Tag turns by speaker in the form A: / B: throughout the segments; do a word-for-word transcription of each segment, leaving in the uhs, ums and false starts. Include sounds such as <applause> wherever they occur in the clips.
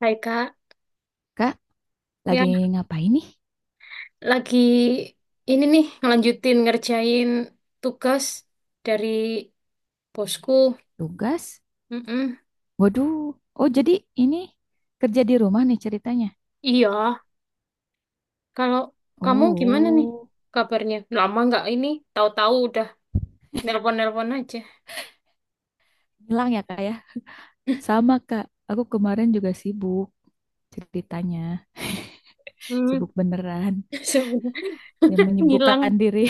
A: Hai Kak,
B: Kak,
A: ya
B: lagi ngapain nih?
A: lagi ini nih ngelanjutin ngerjain tugas dari bosku.
B: Tugas?
A: Mm-mm.
B: Waduh. Oh, jadi ini kerja di rumah nih ceritanya.
A: Iya, kalau kamu gimana nih
B: Oh,
A: kabarnya? Lama nggak ini? Tahu-tahu udah nelpon-nelpon aja.
B: hilang ya Kak ya? Sama Kak, aku kemarin juga sibuk ceritanya. <laughs>
A: Hmm,
B: Sibuk beneran.
A: <laughs> sebenarnya
B: Ya
A: <laughs> ngilang.
B: menyibukkan diri.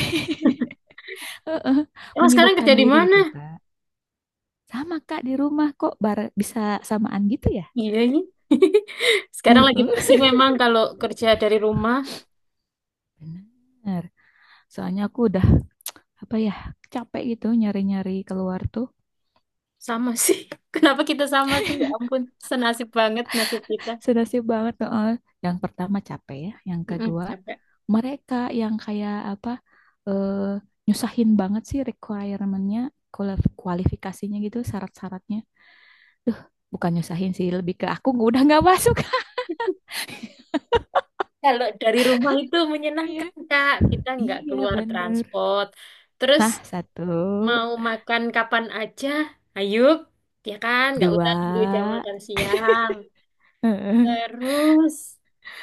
B: <laughs> Heeh,
A: Emang sekarang
B: menyibukkan
A: kerja di
B: diri
A: mana?
B: gitu Kak. Sama Kak di rumah kok bar- bisa samaan gitu ya?
A: Iya ini. <laughs> Sekarang lagi
B: Heeh.
A: musim memang kalau kerja dari rumah
B: Bener. Soalnya aku udah apa ya, capek gitu nyari-nyari keluar tuh.
A: sama sih. <laughs> Kenapa kita sama sih? Ya ampun, senasib banget nasib kita.
B: Senasib banget heeh. Yang pertama capek ya, yang
A: Mm-mm,
B: kedua
A: capek.
B: mereka yang kayak apa, eh, nyusahin banget sih requirementnya, kualif- kualifikasinya gitu, syarat-syaratnya. Bukan nyusahin sih, lebih ke aku udah nggak masuk. <laughs>
A: Kalau dari rumah itu
B: Iya,
A: menyenangkan, Kak. Kita nggak
B: iya
A: keluar
B: bener.
A: transport. Terus
B: Nah satu,
A: mau makan kapan aja, ayo. Ya kan, nggak usah nunggu jam
B: dua,
A: makan siang.
B: heeh,
A: Terus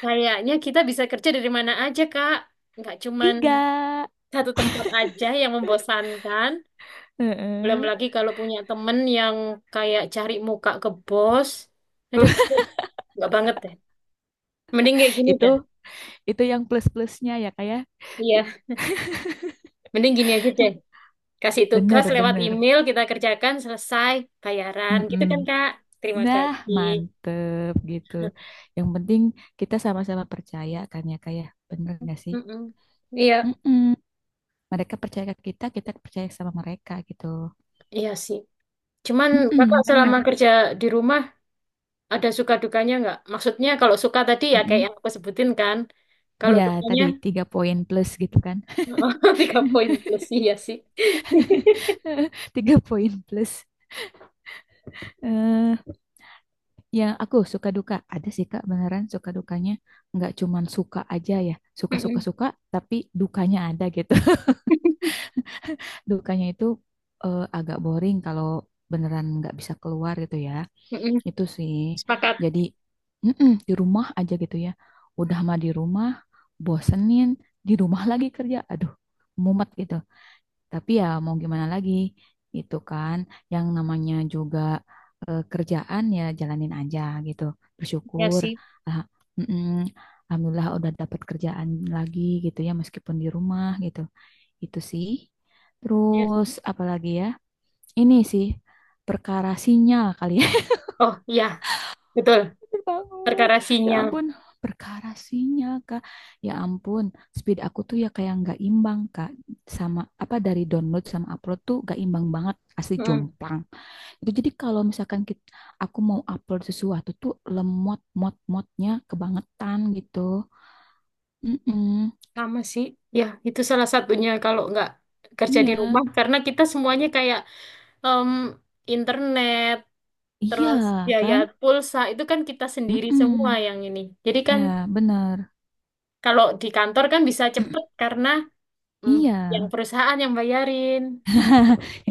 A: kayaknya kita bisa kerja dari mana aja, Kak. Nggak cuman
B: tiga.
A: satu tempat aja yang membosankan. Belum
B: Heeh.
A: lagi kalau punya temen yang kayak cari muka ke bos. Aduh,
B: <laughs>
A: nggak banget deh. Mending kayak gini
B: Itu
A: deh.
B: itu yang plus-plusnya ya kayak,
A: Iya, mending gini aja deh. Kasih
B: <laughs>
A: tugas
B: bener
A: lewat
B: bener.
A: email, kita kerjakan, selesai, bayaran. Gitu
B: Mm-mm.
A: kan, Kak? Terima
B: Nah,
A: kasih.
B: mantep gitu. Yang penting kita sama-sama percaya kan ya, kayak bener gak sih?
A: Mm-mm. Iya,
B: Mm-mm. Mereka percaya ke kita, kita percaya sama mereka gitu.
A: iya sih. Cuman Kakak
B: Mm-mm,
A: selama
B: bener.
A: kerja di rumah ada suka dukanya nggak? Maksudnya kalau suka tadi ya kayak
B: Mm-mm.
A: yang aku sebutin kan. Kalau
B: Ya,
A: dukanya
B: tadi tiga poin plus gitu kan.
A: <laughs> tiga poin plus iya sih.
B: <laughs> Tiga poin plus. eh yang aku suka duka. Ada sih Kak, beneran suka dukanya. Nggak cuman suka aja ya.
A: <laughs> Mm-mm.
B: Suka-suka-suka, tapi dukanya ada gitu. Dukanya itu eh, agak boring kalau beneran nggak bisa keluar gitu ya.
A: Mm-mm.
B: Itu sih.
A: Sepakat
B: Jadi mm-mm, di rumah aja gitu ya. Udah mah di rumah, bosenin, di rumah <laughs> lagi kerja. Aduh, mumet gitu. Tapi ya mau gimana lagi? Itu kan yang namanya juga eh, kerjaan ya jalanin aja gitu.
A: ya
B: Bersyukur.
A: sih.
B: Ah, mm-mm. Alhamdulillah udah dapat kerjaan lagi gitu ya meskipun di rumah gitu. Itu sih.
A: Yes.
B: Terus apalagi ya? Ini sih perkara sinyal kali ya.
A: Oh iya, betul.
B: <laughs> Bangun.
A: Perkara
B: Ya
A: sinyal.
B: ampun, perkara sinyal, Kak. Ya ampun, speed aku tuh ya kayak nggak imbang, Kak. Sama apa dari download sama upload tuh nggak imbang banget, asli jomplang. Itu jadi kalau misalkan kita, aku mau upload sesuatu tuh lemot mot motnya kebangetan gitu. Mm-mm.
A: Sama sih, ya itu salah satunya kalau nggak kerja di
B: Iya,
A: rumah karena kita semuanya kayak em, internet
B: iya
A: terus biaya
B: kan?
A: pulsa itu kan kita sendiri semua
B: Mm-mm.
A: yang ini. Jadi kan
B: Ya, bener.
A: kalau di kantor kan bisa cepet
B: <clears throat>
A: karena mm, yang
B: Iya.
A: perusahaan yang bayarin.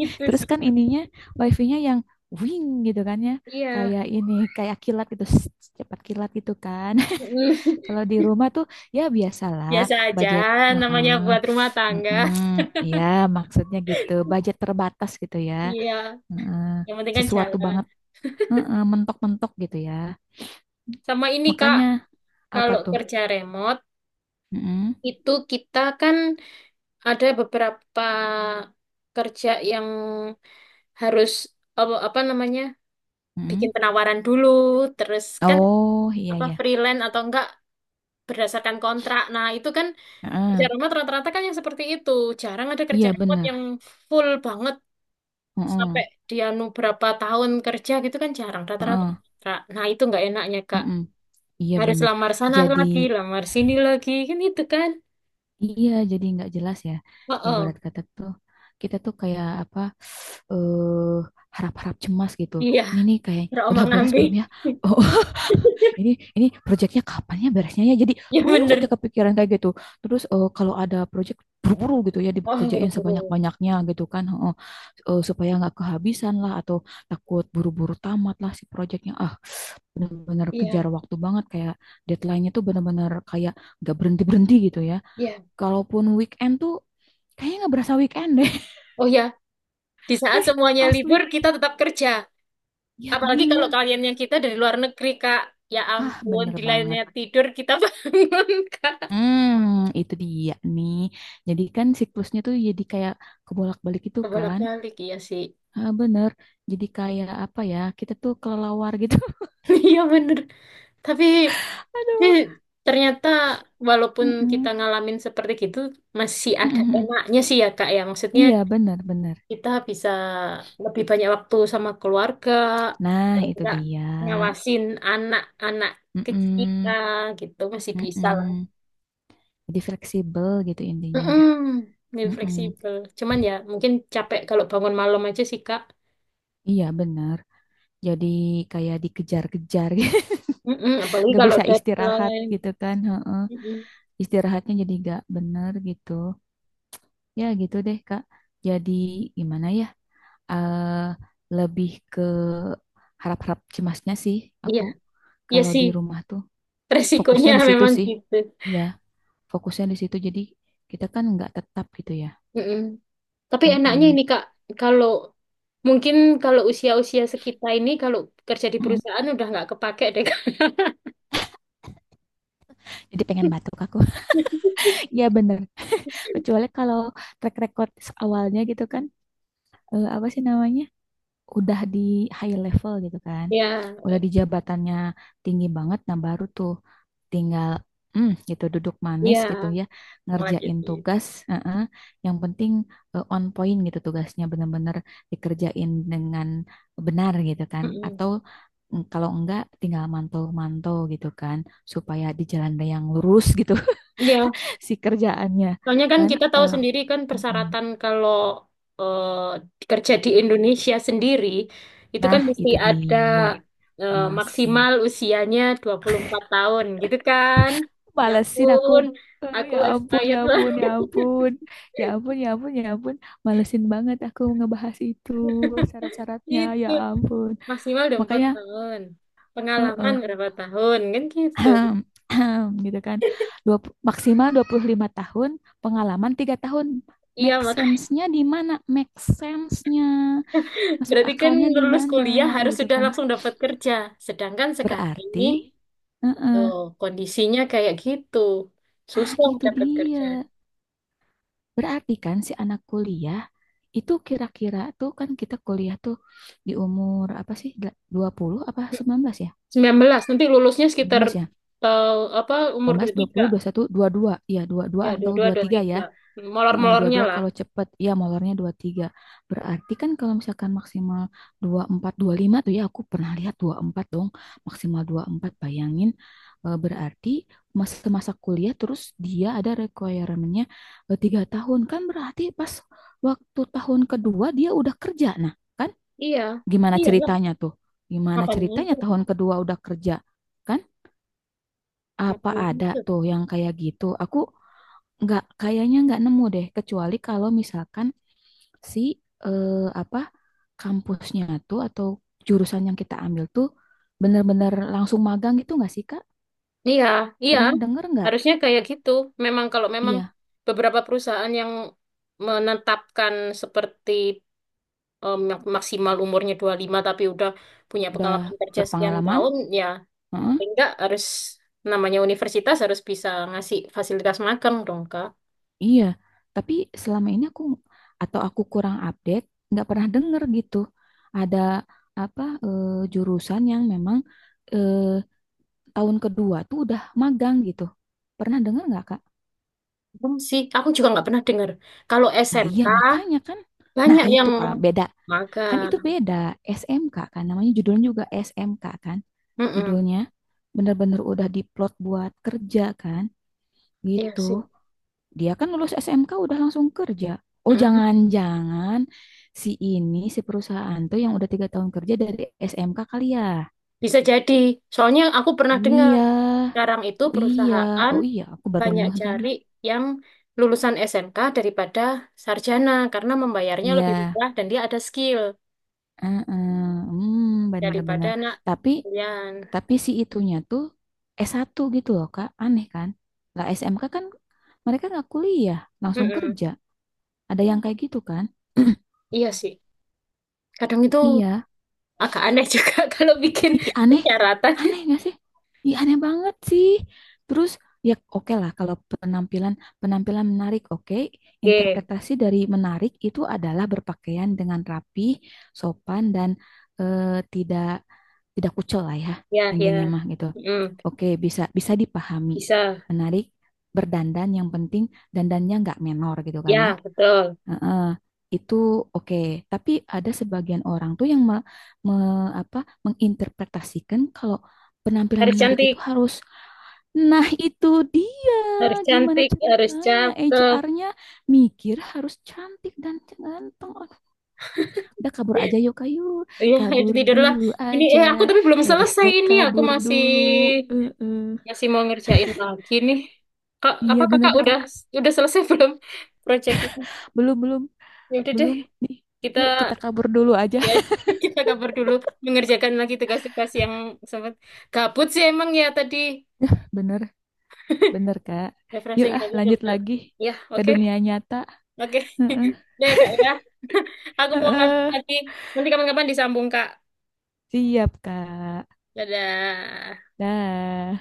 A: Itu
B: Terus
A: sih.
B: kan ininya wifi-nya yang wing gitu kan ya.
A: Iya.
B: Kayak ini, kayak kilat gitu, <tsk> cepat kilat gitu kan. <laughs>
A: Mm.
B: Kalau di rumah tuh ya
A: <laughs>
B: biasalah
A: Biasa aja
B: budget,
A: namanya
B: heeh.
A: buat rumah
B: Heeh,
A: tangga. <laughs>
B: ya maksudnya gitu, budget terbatas gitu ya.
A: Iya,
B: Heeh,
A: yang penting kan
B: sesuatu
A: jalan.
B: banget heeh, mentok-mentok gitu ya.
A: Sama ini Kak,
B: Makanya apa
A: kalau
B: tuh?
A: kerja remote
B: Heeh,
A: itu kita kan ada beberapa kerja yang harus apa, apa namanya
B: heeh.
A: bikin penawaran dulu terus kan
B: Oh, iya
A: apa
B: ya.
A: freelance atau enggak berdasarkan kontrak, nah itu kan kerja
B: Heeh.
A: remote rata-rata kan yang seperti itu, jarang ada kerja
B: Iya
A: remote
B: bener.
A: yang full banget
B: Heeh,
A: sampai dia nu berapa tahun kerja gitu kan. Jarang, rata-rata
B: heeh,
A: kontrak, nah itu nggak enaknya kak,
B: heeh. Iya
A: harus
B: bener.
A: lamar sana
B: Jadi,
A: lagi lamar sini lagi kan itu kan.
B: iya, jadi nggak jelas ya.
A: Oh,
B: Ibarat
A: oh.
B: kata tuh kita tuh kayak apa, eh harap-harap cemas gitu.
A: Iya
B: Ini nih kayak udah beres
A: terombang-ambing.
B: belum ya? Oh, <laughs> ini ini proyeknya kapan ya beresnya ya? Jadi
A: <laughs> Ya
B: terus aja
A: bener.
B: kepikiran kayak gitu. Terus eh, kalau ada proyek buru-buru gitu ya
A: Oh
B: dikerjain
A: buru-buru.
B: sebanyak-banyaknya gitu kan. Heeh. Eh, supaya nggak kehabisan lah atau takut buru-buru tamat lah si proyeknya. Ah, bener-bener
A: Iya.
B: kejar waktu banget kayak deadline-nya tuh bener-bener kayak nggak berhenti-berhenti gitu ya.
A: Ya,
B: Kalaupun weekend tuh kayaknya nggak berasa weekend deh.
A: oh ya, di saat
B: <laughs>
A: semuanya libur
B: Asli.
A: kita tetap kerja.
B: Ya
A: Apalagi kalau
B: bener.
A: kalian yang kita dari luar negeri, Kak. Ya
B: Ah,
A: ampun,
B: bener
A: di lainnya
B: banget.
A: tidur kita <laughs> bangun, Kak.
B: Hmm, itu dia nih. Jadi kan siklusnya tuh jadi kayak kebolak-balik itu kan.
A: Kebolak-balik, iya sih.
B: Ah, bener. Jadi kayak apa ya, kita tuh kelelawar gitu.
A: <laughs> Iya bener. Tapi,
B: <laughs>
A: tapi
B: Aduh.
A: ternyata walaupun kita
B: Mm-mm.
A: ngalamin seperti gitu, masih ada
B: Mm-mm.
A: enaknya sih ya, Kak. Ya, maksudnya
B: Iya, bener-bener.
A: kita bisa lebih banyak waktu sama keluarga,
B: Nah,
A: paling
B: itu
A: nggak
B: dia.
A: ngawasin anak-anak kecil kita
B: Mm-mm.
A: gitu masih bisa.
B: Mm-mm. Jadi fleksibel gitu intinya.
A: Mm-mm, lebih
B: Mm-mm.
A: fleksibel. Cuman ya mungkin capek kalau bangun malam aja sih Kak.
B: Iya, bener. Jadi kayak dikejar-kejar gitu,
A: Mm-mm, apalagi
B: nggak
A: kalau
B: bisa istirahat
A: deadline.
B: gitu kan heeh.
A: Mm-mm.
B: Istirahatnya jadi nggak bener gitu, ya gitu deh Kak, jadi gimana ya, eh lebih ke harap-harap cemasnya sih
A: Iya,
B: aku
A: iya
B: kalau
A: sih.
B: di rumah tuh. fokusnya
A: Resikonya
B: di
A: <laughs>
B: situ
A: memang
B: sih
A: gitu.
B: ya Fokusnya di situ jadi kita kan nggak tetap gitu ya.
A: Mm-mm. Tapi enaknya ini
B: Mm-mm.
A: Kak, kalau mungkin kalau usia-usia sekitar ini kalau kerja di
B: Mm-mm.
A: perusahaan udah nggak kepake deh Kak.
B: Jadi pengen batuk aku.
A: <laughs>
B: <laughs> Ya bener. Kecuali kalau track record awalnya gitu kan. Eh, apa sih namanya? Udah di high level gitu kan,
A: Ya,
B: udah di jabatannya tinggi banget, nah baru tuh tinggal hmm, gitu duduk manis gitu
A: iya.
B: ya,
A: Lanjut.
B: ngerjain tugas, eh-eh. Yang penting eh, on point gitu tugasnya bener-bener dikerjain dengan benar gitu kan,
A: Mm-mm.
B: atau mm, kalau enggak tinggal mantau-mantau gitu kan, supaya di jalan yang lurus gitu <laughs>
A: Iya.
B: si kerjaannya
A: Soalnya kan
B: kan,
A: kita tahu
B: kalau
A: sendiri kan
B: mm,
A: persyaratan kalau eh, kerja di Indonesia sendiri itu kan
B: nah
A: mesti
B: itu
A: ada
B: dia,
A: eh,
B: malesin.
A: maksimal usianya dua puluh empat tahun gitu kan. Ya
B: Malesin aku.
A: ampun,
B: Eh,
A: aku
B: ya ampun, ya
A: expired lah
B: ampun, ya ampun. Ya ampun, ya ampun, ya ampun. Malesin banget aku ngebahas itu
A: <laughs>
B: syarat-syaratnya. Ya
A: itu.
B: ampun.
A: Maksimal udah empat
B: Makanya
A: tahun.
B: eh,
A: Pengalaman
B: eh,
A: berapa tahun kan gitu.
B: <clears throat> gitu kan. Dua, maksimal dua puluh lima tahun, pengalaman tiga tahun.
A: Iya,
B: Make
A: maka
B: sense-nya di mana? Make sense-nya. Masuk
A: berarti kan
B: akalnya di
A: lulus
B: mana
A: kuliah harus
B: gitu
A: sudah
B: kan.
A: langsung dapat kerja. Sedangkan sekarang
B: Berarti
A: ini
B: eh,
A: tuh
B: eh,
A: kondisinya kayak gitu.
B: nah,
A: Susah
B: itu
A: dapat
B: dia.
A: kerja.
B: Berarti kan si anak kuliah, itu kira-kira tuh kan kita kuliah tuh di umur apa sih? Dua puluh apa sembilan belas ya?
A: Sembilan belas. Nanti lulusnya
B: Sembilan
A: sekitar
B: belas ya?
A: eh, apa umur
B: Sembilan
A: dua
B: belas
A: puluh
B: dua
A: tiga
B: puluh, dua puluh satu dua 21, dua puluh dua. Iya, dua puluh dua
A: Ya,
B: atau dua puluh
A: dua puluh dua,
B: tiga ya.
A: tiga.
B: Eh, dua puluh
A: Molor-molornya
B: dua
A: lah.
B: kalau cepet. Iya, molornya dua puluh tiga. Berarti kan kalau misalkan maksimal dua puluh empat, lima tuh ya, aku pernah lihat dua puluh empat dong. Maksimal dua puluh empat bayangin. Eh, berarti masa masa kuliah terus dia ada requirement-nya tiga tahun. Kan berarti pas waktu tahun kedua dia udah kerja. Nah, kan
A: Iya.
B: gimana
A: Iya lah.
B: ceritanya tuh? Gimana
A: Makanya itu.
B: ceritanya tahun kedua udah kerja? Kan apa
A: Makanya
B: ada
A: itu.
B: tuh yang kayak gitu? Aku nggak, kayaknya nggak nemu deh, kecuali kalau misalkan si eh, apa kampusnya tuh atau jurusan yang kita ambil tuh bener-bener langsung magang gitu nggak sih Kak?
A: Iya. Iya.
B: Pernah denger nggak?
A: Harusnya kayak gitu. Memang kalau memang
B: Iya,
A: beberapa perusahaan yang menetapkan seperti eh, mak- maksimal umurnya dua puluh lima tapi udah punya
B: udah
A: pengalaman kerja sekian
B: berpengalaman.
A: tahun, ya
B: Heeh.
A: paling enggak harus namanya universitas harus bisa ngasih fasilitas magang dong, Kak.
B: Iya, tapi selama ini aku, atau aku kurang update, nggak pernah denger gitu. Ada apa eh, jurusan yang memang eh, tahun kedua tuh udah magang gitu. Pernah denger nggak, Kak?
A: Belum sih, aku juga nggak pernah dengar. Kalau
B: Nah, iya
A: S M K
B: makanya kan. Nah,
A: banyak
B: itu
A: yang
B: Kak, beda. Kan
A: magang.
B: itu beda, S M K kan namanya, judulnya juga S M K kan
A: Mm-mm.
B: judulnya. Bener-bener udah diplot buat kerja kan
A: Iya
B: gitu.
A: sih.
B: Dia kan lulus S M K udah langsung kerja. Oh,
A: Mm-mm.
B: jangan-jangan si ini, si perusahaan tuh yang udah tiga tahun kerja dari S M K kali ya?
A: Bisa jadi. Soalnya aku pernah dengar
B: Iya,
A: sekarang itu
B: oh iya,
A: perusahaan
B: oh iya, aku baru
A: banyak
B: ngeh lagi.
A: cari yang lulusan S M K daripada sarjana karena membayarnya
B: Iya,
A: lebih murah dan dia ada skill
B: heeh, hmm,
A: daripada
B: bener-bener.
A: anak
B: Tapi,
A: kuliahan.
B: tapi si itunya tuh S satu gitu loh, Kak. Aneh kan? Lah S M K kan mereka nggak kuliah, langsung
A: Mm-mm.
B: kerja. Ada yang kayak gitu kan? <clears throat>
A: Iya sih. Kadang itu
B: Iya,
A: agak aneh juga <laughs> kalau bikin
B: ih, aneh,
A: persyaratan.
B: aneh nggak sih? Ih, aneh banget sih. Terus ya oke lah kalau penampilan penampilan menarik oke.
A: Oke,
B: Interpretasi dari menarik itu adalah berpakaian dengan rapi, sopan dan eh, tidak tidak kucel lah ya,
A: ya,
B: intinya
A: ya.
B: mah gitu.
A: Mm.
B: Oke, bisa, bisa dipahami.
A: Bisa.
B: Menarik, berdandan yang penting dandannya nggak menor gitu kan ya.
A: Ya, betul.
B: Heeh, itu oke. Tapi ada sebagian orang tuh yang me- me- apa, menginterpretasikan kalau penampilan
A: Harus
B: menarik itu
A: cantik.
B: harus, nah itu dia,
A: Harus
B: gimana
A: cantik, harus
B: ceritanya
A: cakep.
B: H R-nya mikir harus cantik dan ganteng. Oh, udah kabur aja yuk kayu,
A: Iya itu
B: kabur
A: tidurlah.
B: dulu
A: Ini
B: aja,
A: eh aku tapi belum selesai,
B: hashtag
A: ini aku
B: kabur
A: masih
B: dulu. Eh, eh.
A: masih mau ngerjain lagi nih kak, apa
B: Iya benar
A: kakak udah
B: Kak,
A: udah selesai <laughs> belum proyeknya?
B: belum, belum,
A: Ya udah deh,
B: belum nih,
A: kita
B: yuk kita kabur dulu aja,
A: ya, <laughs> kita kabar dulu, mengerjakan lagi tugas-tugas yang sempat gabut sih emang ya tadi
B: <laughs> bener. Bener, Kak. Yuk,
A: refreshing
B: ah,
A: tapi
B: lanjut
A: udah
B: lagi
A: ya
B: ke
A: oke.
B: dunia nyata.
A: Oke
B: Heeh.
A: <laughs> deh kak ya, <laughs> aku mau lanjut
B: Heeh.
A: lagi nanti kapan-kapan disambung kak.
B: Siap, Kak.
A: Dadah.
B: Dah.